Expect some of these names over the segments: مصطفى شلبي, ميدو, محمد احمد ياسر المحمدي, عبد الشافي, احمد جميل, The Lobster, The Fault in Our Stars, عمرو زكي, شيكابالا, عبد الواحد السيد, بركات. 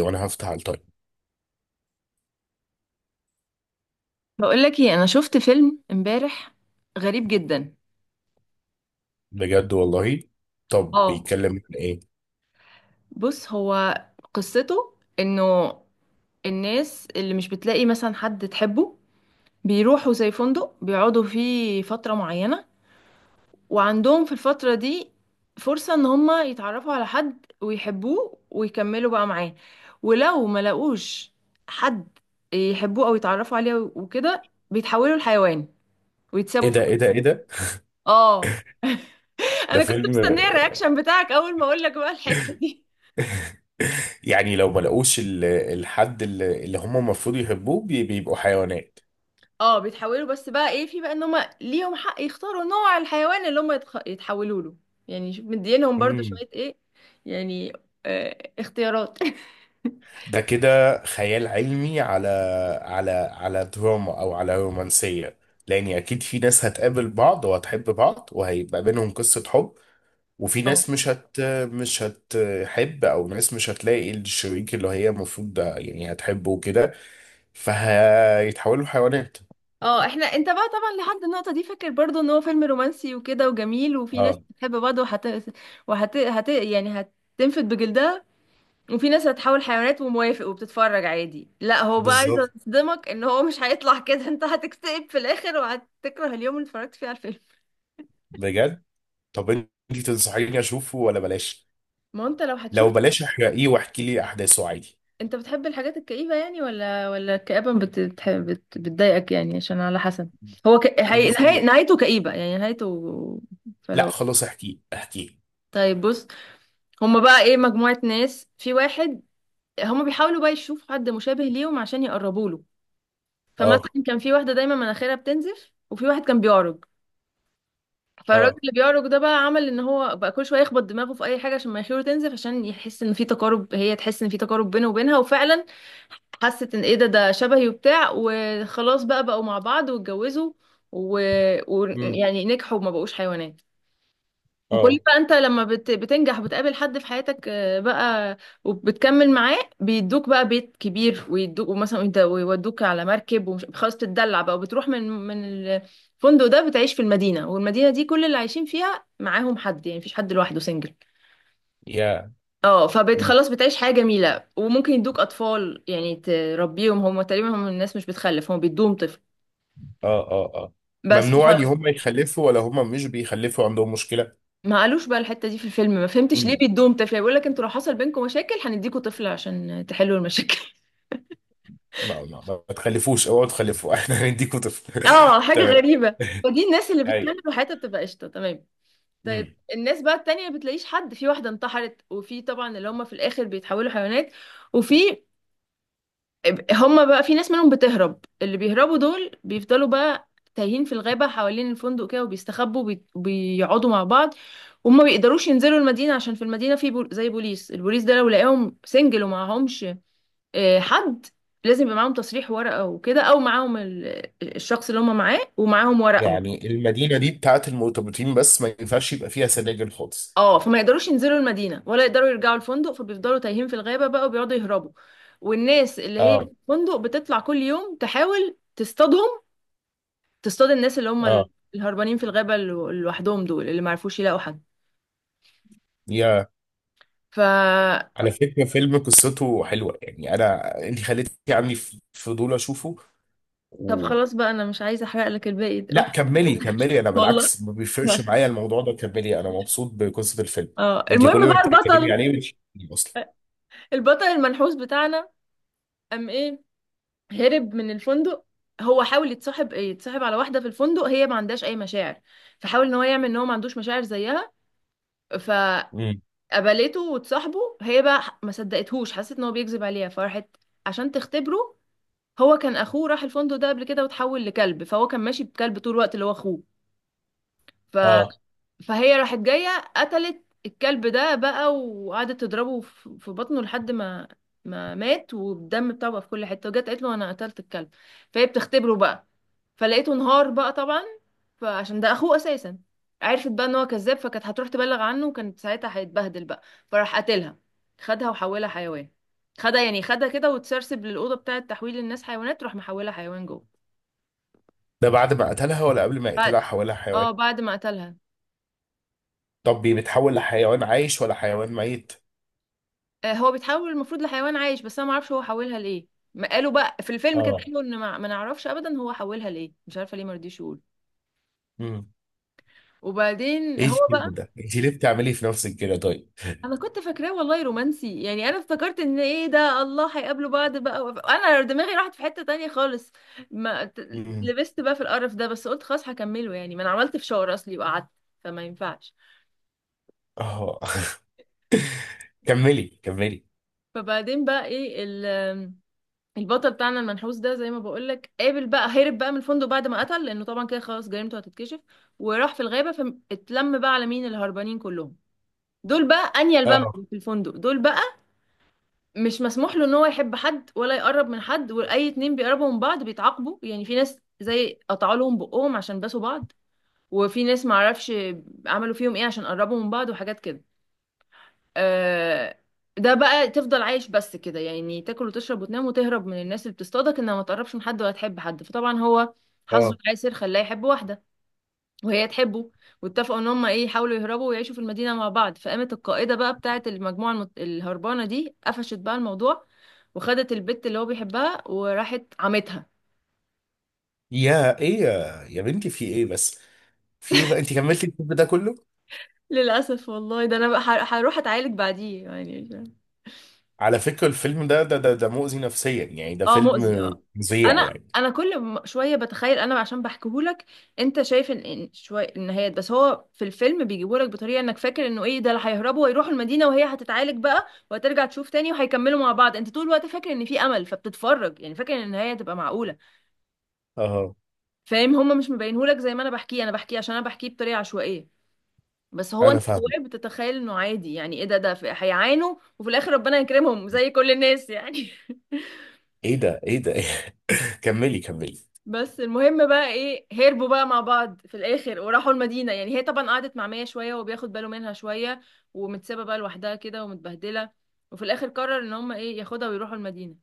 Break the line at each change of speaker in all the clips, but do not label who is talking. وانا هفتح على التايم.
بقول لك ايه، انا شفت فيلم امبارح غريب جدا.
بجد والله. طب
اه،
بيتكلم عن ايه؟
بص، هو قصته انه الناس اللي مش بتلاقي مثلا حد تحبه بيروحوا زي فندق بيقعدوا فيه فترة معينة، وعندهم في الفترة دي فرصة ان هما يتعرفوا على حد ويحبوه ويكملوا بقى معاه، ولو ما لقوش حد يحبوه او يتعرفوا عليه وكده بيتحولوا لحيوان
ايه
ويتسابوا في.
ده، ايه ده، ايه ده!
اه،
ده
انا كنت
فيلم؟
مستنيه الرياكشن بتاعك اول ما اقول لك بقى الحته دي.
يعني لو ما لقوش الحد اللي هم المفروض يحبوه، بيبقوا حيوانات.
اه، بيتحولوا، بس بقى ايه، في بقى ان هم ليهم حق يختاروا نوع الحيوان اللي هم يتحولوا له. يعني شوف مدينهم برضو
امم
شويه ايه، يعني اختيارات.
ده كده خيال علمي على دراما او على رومانسية، لان اكيد في ناس هتقابل بعض وهتحب بعض وهيبقى بينهم قصة حب، وفي
اه،
ناس مش هتحب، او ناس مش هتلاقي الشريك اللي هي المفروض ده يعني هتحبه وكده، فهيتحولوا حيوانات.
اه، احنا، انت بقى طبعا لحد النقطه دي فاكر برضو ان هو فيلم رومانسي وكده وجميل، وفي ناس
اه،
بتحب بعض يعني هتنفد بجلدها. وفي ناس هتحول حيوانات وموافق وبتتفرج عادي. لا، هو بقى عايز
بالظبط.
يصدمك ان هو مش هيطلع كده. انت هتكتئب في الاخر وهتكره اليوم اللي اتفرجت فيه على الفيلم.
بجد. طب انت تنصحيني اشوفه ولا بلاش؟
ما هو انت لو
لو
هتشوف،
بلاش احرقيه واحكي لي احداثه عادي.
انت بتحب الحاجات الكئيبة يعني، ولا الكآبة بتضايقك يعني، عشان على حسب. هو ك... هي... نهاية...
بصي.
نهايته كئيبة، يعني نهايته.
لا
فلو
خلاص، احكيه احكيه.
طيب، بص. هما بقى ايه مجموعة ناس في واحد، هما بيحاولوا بقى يشوفوا حد مشابه ليهم عشان يقربوا له.
اه.
فمثلا كان في واحدة دايما مناخيرها بتنزف وفي واحد كان بيعرج. فالراجل
اه.
اللي بيعرج ده بقى عمل ان هو بقى كل شويه يخبط دماغه في اي حاجه عشان مناخيره تنزف، عشان يحس ان في تقارب، هي تحس ان في تقارب بينه وبينها. وفعلا حست ان ايه ده، ده شبهي وبتاع، وخلاص بقى بقوا مع بعض واتجوزوا.
امم.
يعني نجحوا وما بقوش حيوانات. وكل
اه.
بقى انت لما بتنجح وبتقابل حد في حياتك بقى وبتكمل معاه، بيدوك بقى بيت كبير، ويدوك مثلا انت ويودوك على مركب ومش خلاص بتدلع بقى، وبتروح من الفندق ده، بتعيش في المدينة، والمدينة دي كل اللي عايشين فيها معاهم حد، يعني مفيش حد لوحده سنجل.
يا.
اه،
امم.
فخلاص بتعيش حياة جميلة، وممكن يدوك اطفال يعني تربيهم، هم تقريبا هم الناس مش بتخلف، هم بيدوهم طفل.
اه. اه. اه.
بس
ممنوع ان هم يخلفوا ولا هم مش بيخلفوا عندهم مشكلة؟
ما قالوش بقى الحته دي في الفيلم، ما فهمتش ليه بيدوهم طفل، يعني بيقول لك انتوا لو حصل بينكم مشاكل هنديكوا طفل عشان تحلوا المشاكل.
ما تخلفوش، اوعوا تخلفوا احنا هنديكوا طفل
اه، حاجه
تمام.
غريبه. فدي الناس اللي بتكمل
ايوه.
وحياتها بتبقى قشطه، تمام. طيب،
مم.
الناس بقى التانية ما بتلاقيش حد، في واحده انتحرت، وفي طبعا اللي هم في الاخر بيتحولوا حيوانات. وفي هم بقى في ناس منهم بتهرب، اللي بيهربوا دول بيفضلوا بقى تايهين في الغابه حوالين الفندق كده وبيستخبوا وبيقعدوا مع بعض. وهم ما بيقدروش ينزلوا المدينة، عشان في المدينة في زي بوليس. البوليس ده لو لقاهم سنجل ومعهمش حد، لازم يبقى معاهم تصريح ورقة وكده، او معاهم الشخص اللي هم معاه ومعاهم ورقهم.
يعني المدينه دي بتاعت المرتبطين بس، ما ينفعش يبقى فيها سناجل خالص؟
اه، فما يقدروش ينزلوا المدينة ولا يقدروا يرجعوا الفندق، فبيفضلوا تايهين في الغابة بقى وبيقعدوا يهربوا. والناس اللي هي في
اه.
الفندق بتطلع كل يوم تحاول تصطادهم، تصطاد الناس اللي هم
اه.
الهربانين في الغابة لوحدهم، دول اللي ما عرفوش يلاقوا حد.
يا.
ف
على فكره، فيلم قصته حلوه يعني. انا انت خليتي عندي فضول اشوفه
طب
و...
خلاص بقى، انا مش عايزة احرق لك الباقي، روح.
لا كملي كملي، انا بالعكس
والله،
ما بيفرقش معايا الموضوع ده. كملي، انا مبسوط بقصه الفيلم.
اه،
انت كل
المهم
ما
بقى
بتتكلمي
البطل
عليه مش اصلا.
البطل المنحوس بتاعنا قام ايه، هرب من الفندق. هو حاول يتصاحب على واحده في الفندق، هي ما عندهاش اي مشاعر، فحاول ان هو يعمل ان هو ما عندوش مشاعر زيها فقبلته.
مم.
وتصاحبه، هي بقى ما صدقتهوش، حست ان هو بيكذب عليها فراحت عشان تختبره. هو كان اخوه راح الفندق ده قبل كده وتحول لكلب، فهو كان ماشي بكلب طول الوقت اللي هو اخوه.
اه.
فهي راحت جاية قتلت الكلب ده بقى وقعدت تضربه في بطنه لحد ما مات، والدم بتاعه بقى في كل حتة، وجت قالت له انا قتلت الكلب، فهي بتختبره بقى، فلقيته انهار بقى طبعا، فعشان ده اخوه اساسا. عرفت بقى ان هو كذاب، فكانت هتروح تبلغ عنه، وكانت ساعتها هيتبهدل بقى، فراح قتلها، خدها وحولها حيوان، خدها يعني خدها كده، وتسرسب للأوضة بتاعة تحويل الناس حيوانات، راح محولها حيوان جوه.
ده بعد ما قتلها ولا قبل ما يقتلها
بعد.
حولها حيوان؟
اه بعد ما قتلها.
طب بيتحول لحيوان عايش ولا حيوان ميت؟
هو بيتحول المفروض لحيوان عايش، بس انا ما اعرفش هو حولها ليه، ما قالوا بقى في الفيلم كده،
اه.
قالوا ان ما نعرفش ابدا هو حولها ليه، مش عارفه ليه ما رضيش يقول.
مم.
وبعدين
ايه
هو
الفيلم
بقى.
ده؟ انت ليه بتعملي في نفسك كده طيب؟
انا كنت فاكراه والله رومانسي، يعني انا افتكرت ان ايه ده، الله هيقابلوا بعض بقى، انا دماغي راحت في حته تانية خالص. ما ت-
مم.
لبست بقى في القرف ده، بس قلت خلاص هكمله، يعني ما انا عملت فشار اصلي وقعدت، فما ينفعش.
اه كملي كملي.
فبعدين بقى ايه، البطل بتاعنا المنحوس ده زي ما بقولك، قابل بقى، هرب بقى من الفندق بعد ما قتل، لانه طبعا كده خلاص جريمته هتتكشف، وراح في الغابة فاتلم بقى على مين، الهربانين كلهم دول بقى، انيل بقى من
اه.
في الفندق دول بقى، مش مسموح له ان هو يحب حد ولا يقرب من حد، واي اتنين بيقربوا من بعض بيتعاقبوا، يعني في ناس زي قطعوا لهم بقهم عشان باسوا بعض، وفي ناس معرفش عملوا فيهم ايه عشان قربوا من بعض وحاجات كده. آه، ده بقى تفضل عايش بس كده، يعني تاكل وتشرب وتنام وتهرب من الناس اللي بتصطادك، انها ما تقربش من حد ولا تحب حد. فطبعا هو حظه
اه.
العسر خلاه يحب واحده، وهي تحبه، واتفقوا ان هم ايه، يحاولوا يهربوا ويعيشوا في المدينه مع بعض، فقامت القائده بقى بتاعه المجموعه الهربانه دي قفشت بقى الموضوع، وخدت البت اللي هو بيحبها وراحت عمتها.
يا. ايه، يا بنتي، في ايه بس؟ في ايه بقى، انت كملتي الفيلم ده كله؟
للاسف والله، ده انا بقى هروح اتعالج بعديه يعني.
على فكرة الفيلم ده ده مؤذي نفسيا، يعني ده
اه،
فيلم
مؤذي، اه.
فظيع
انا
يعني.
انا كل شويه بتخيل، انا عشان بحكيهولك. انت شايف ان شويه النهايات، بس هو في الفيلم بيجيبهولك بطريقه انك فاكر انه ايه ده اللي هيهربوا ويروحوا المدينه، وهي هتتعالج بقى وهترجع تشوف تاني وهيكملوا مع بعض، انت طول الوقت فاكر ان في امل فبتتفرج يعني، فاكر ان النهايه هتبقى معقوله.
اه.
فاهم، هما مش مبينهولك زي ما انا بحكيه، انا بحكيه عشان انا بحكيه بطريقه عشوائيه، بس هو
انا
انت
فاهم.
جواك بتتخيل انه عادي، يعني ايه ده، ده هيعانوا وفي الاخر ربنا يكرمهم زي كل الناس يعني.
ايه ده، ايه ده كملي كملي.
بس المهم بقى ايه، هربوا بقى مع بعض في الاخر وراحوا المدينة يعني، هي طبعا قعدت مع مية شوية وبياخد باله منها شوية، ومتسابة بقى لوحدها كده ومتبهدلة، وفي الاخر قرر ان هم ايه، ياخدها ويروحوا المدينة.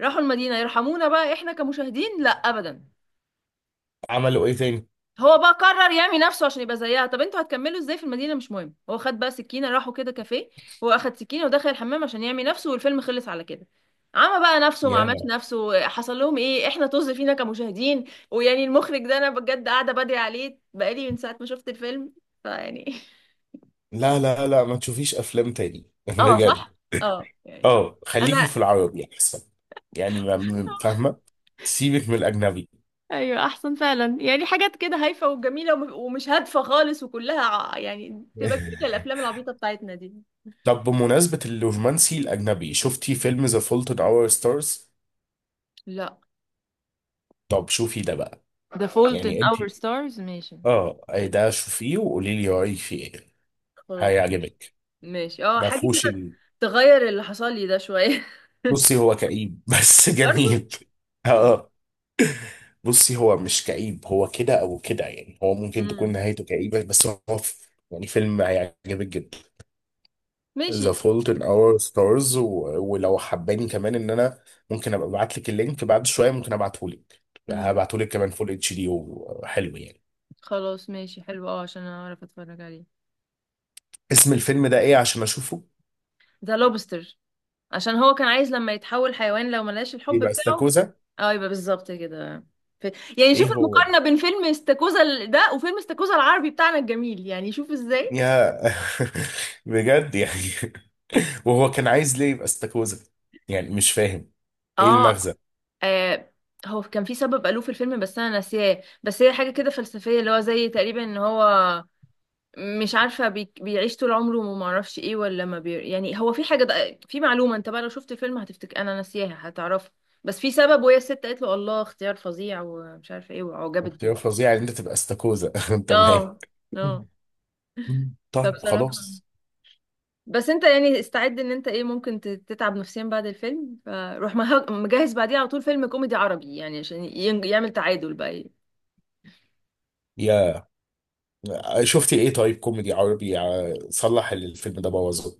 راحوا المدينة يرحمونا بقى احنا كمشاهدين؟ لا، ابدا.
عملوا ايه تاني؟
هو بقى قرر يعمي نفسه عشان يبقى زيها. طب انتوا هتكملوا ازاي في المدينه؟ مش مهم. هو خد بقى سكينه، راحوا كده كافيه، هو اخد سكينه ودخل الحمام عشان يعمي نفسه، والفيلم خلص على كده. عمى بقى نفسه، ما
يا.
عملش نفسه، حصل لهم ايه، احنا طز فينا كمشاهدين. ويعني المخرج ده انا بجد قاعده بدري عليه بقالي من ساعه ما شفت الفيلم، فيعني.
لا، لا، لا، ما تشوفيش افلام تاني
اه
بجد.
صح. اه، يعني
اه. خليكي
انا.
في العربي احسن. يعني فاهمه. سيبك من الاجنبي.
ايوه، احسن فعلا، يعني حاجات كده هايفه وجميله ومش هادفه خالص، وكلها يعني تبقى كل الافلام العبيطه بتاعتنا دي.
طب بمناسبه الرومانسي الاجنبي، شفتي فيلم ذا فولت ان اور ستارز؟
لا.
طب شوفي ده بقى.
The Fault in
يعني انت،
Our Stars، ماشي.
اه أي ده شوفيه وقولي لي رايك فيه ايه.
خلاص ماشي.
هيعجبك.
ماشي، اه،
ما
حاجة
فيهوش
كده
ال.
تغير اللي حصل لي ده شوية.
بصي هو كئيب بس
برضو.
جميل. اه. آه. بصي هو مش كئيب، هو كده او كده يعني، هو ممكن تكون
امم.
نهايته كئيبه بس هو يعني فيلم هيعجبك جدا. ذا
ماشي.
فولت ان اور ستارز، ولو حباني كمان ان انا ممكن ابقى ابعت لك اللينك بعد شويه، ممكن ابعته لك.
امم.
هبعته لك كمان فول اتش دي وحلو يعني.
خلاص ماشي، حلو، اه، عشان اعرف اتفرج عليه.
اسم الفيلم ده ايه عشان اشوفه؟
ذا لوبستر، عشان هو كان عايز لما يتحول حيوان لو ملاش الحب
يبقى
بتاعه.
استاكوزا.
اه، يبقى بالظبط كده. ف... يعني شوف
ايه هو.
المقارنة بين فيلم استاكوزا ده وفيلم استاكوزا العربي بتاعنا الجميل، يعني شوف ازاي.
يا بجد يعني وهو كان عايز ليه يبقى استاكوزا؟ يعني مش فاهم، ايه
اه.
المغزى؟
آه هو كان في سبب قالوه في الفيلم بس انا ناسياه، بس هي حاجه كده فلسفيه، اللي هو زي تقريبا ان هو مش عارفه بيعيش طول عمره، وما اعرفش ايه ولا ما بي، يعني هو في حاجه، ده في معلومه، انت بقى لو شفت الفيلم هتفتكر انا ناسياها، هتعرفها. بس في سبب، وهي الست قالت له الله اختيار فظيع ومش عارفه ايه، وعجبت بيه.
اختيار فظيع ان انت تبقى استاكوزا تمام.
اه. اه.
طيب
فبصراحه،
خلاص.
بس انت يعني استعد ان انت ايه، ممكن تتعب نفسيا بعد الفيلم، فروح مجهز بعديها على طول فيلم كوميدي عربي، يعني عشان يعمل تعادل بقى.
يا. شفتي ايه طيب، كوميدي عربي صلح اللي الفيلم ده بوظه؟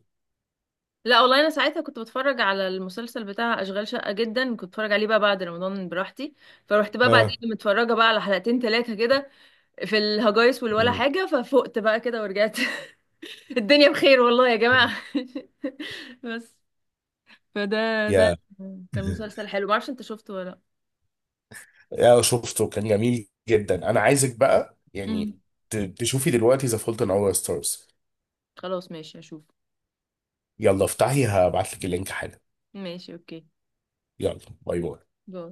لا والله، انا ساعتها كنت بتفرج على المسلسل بتاع اشغال شقه، جدا كنت بتفرج عليه بقى بعد رمضان براحتي. فروحت بقى بعدين
اه.
متفرجه بقى على حلقتين ثلاثة كده في الهجايس والولا
مم.
حاجه، ففقت بقى كده ورجعت. الدنيا بخير والله يا جماعه. بس. فده ده
يا
كان مسلسل حلو، ما اعرفش انت شفته ولا لا.
يا شفته، كان جميل جدا. انا عايزك بقى يعني
مم.
تشوفي دلوقتي ذا فولت ان اور ستارز.
خلاص ماشي هشوف.
يلا افتحي، هبعت لك اللينك حالا.
ماشي، اوكي.
يلا. باي باي.
باي.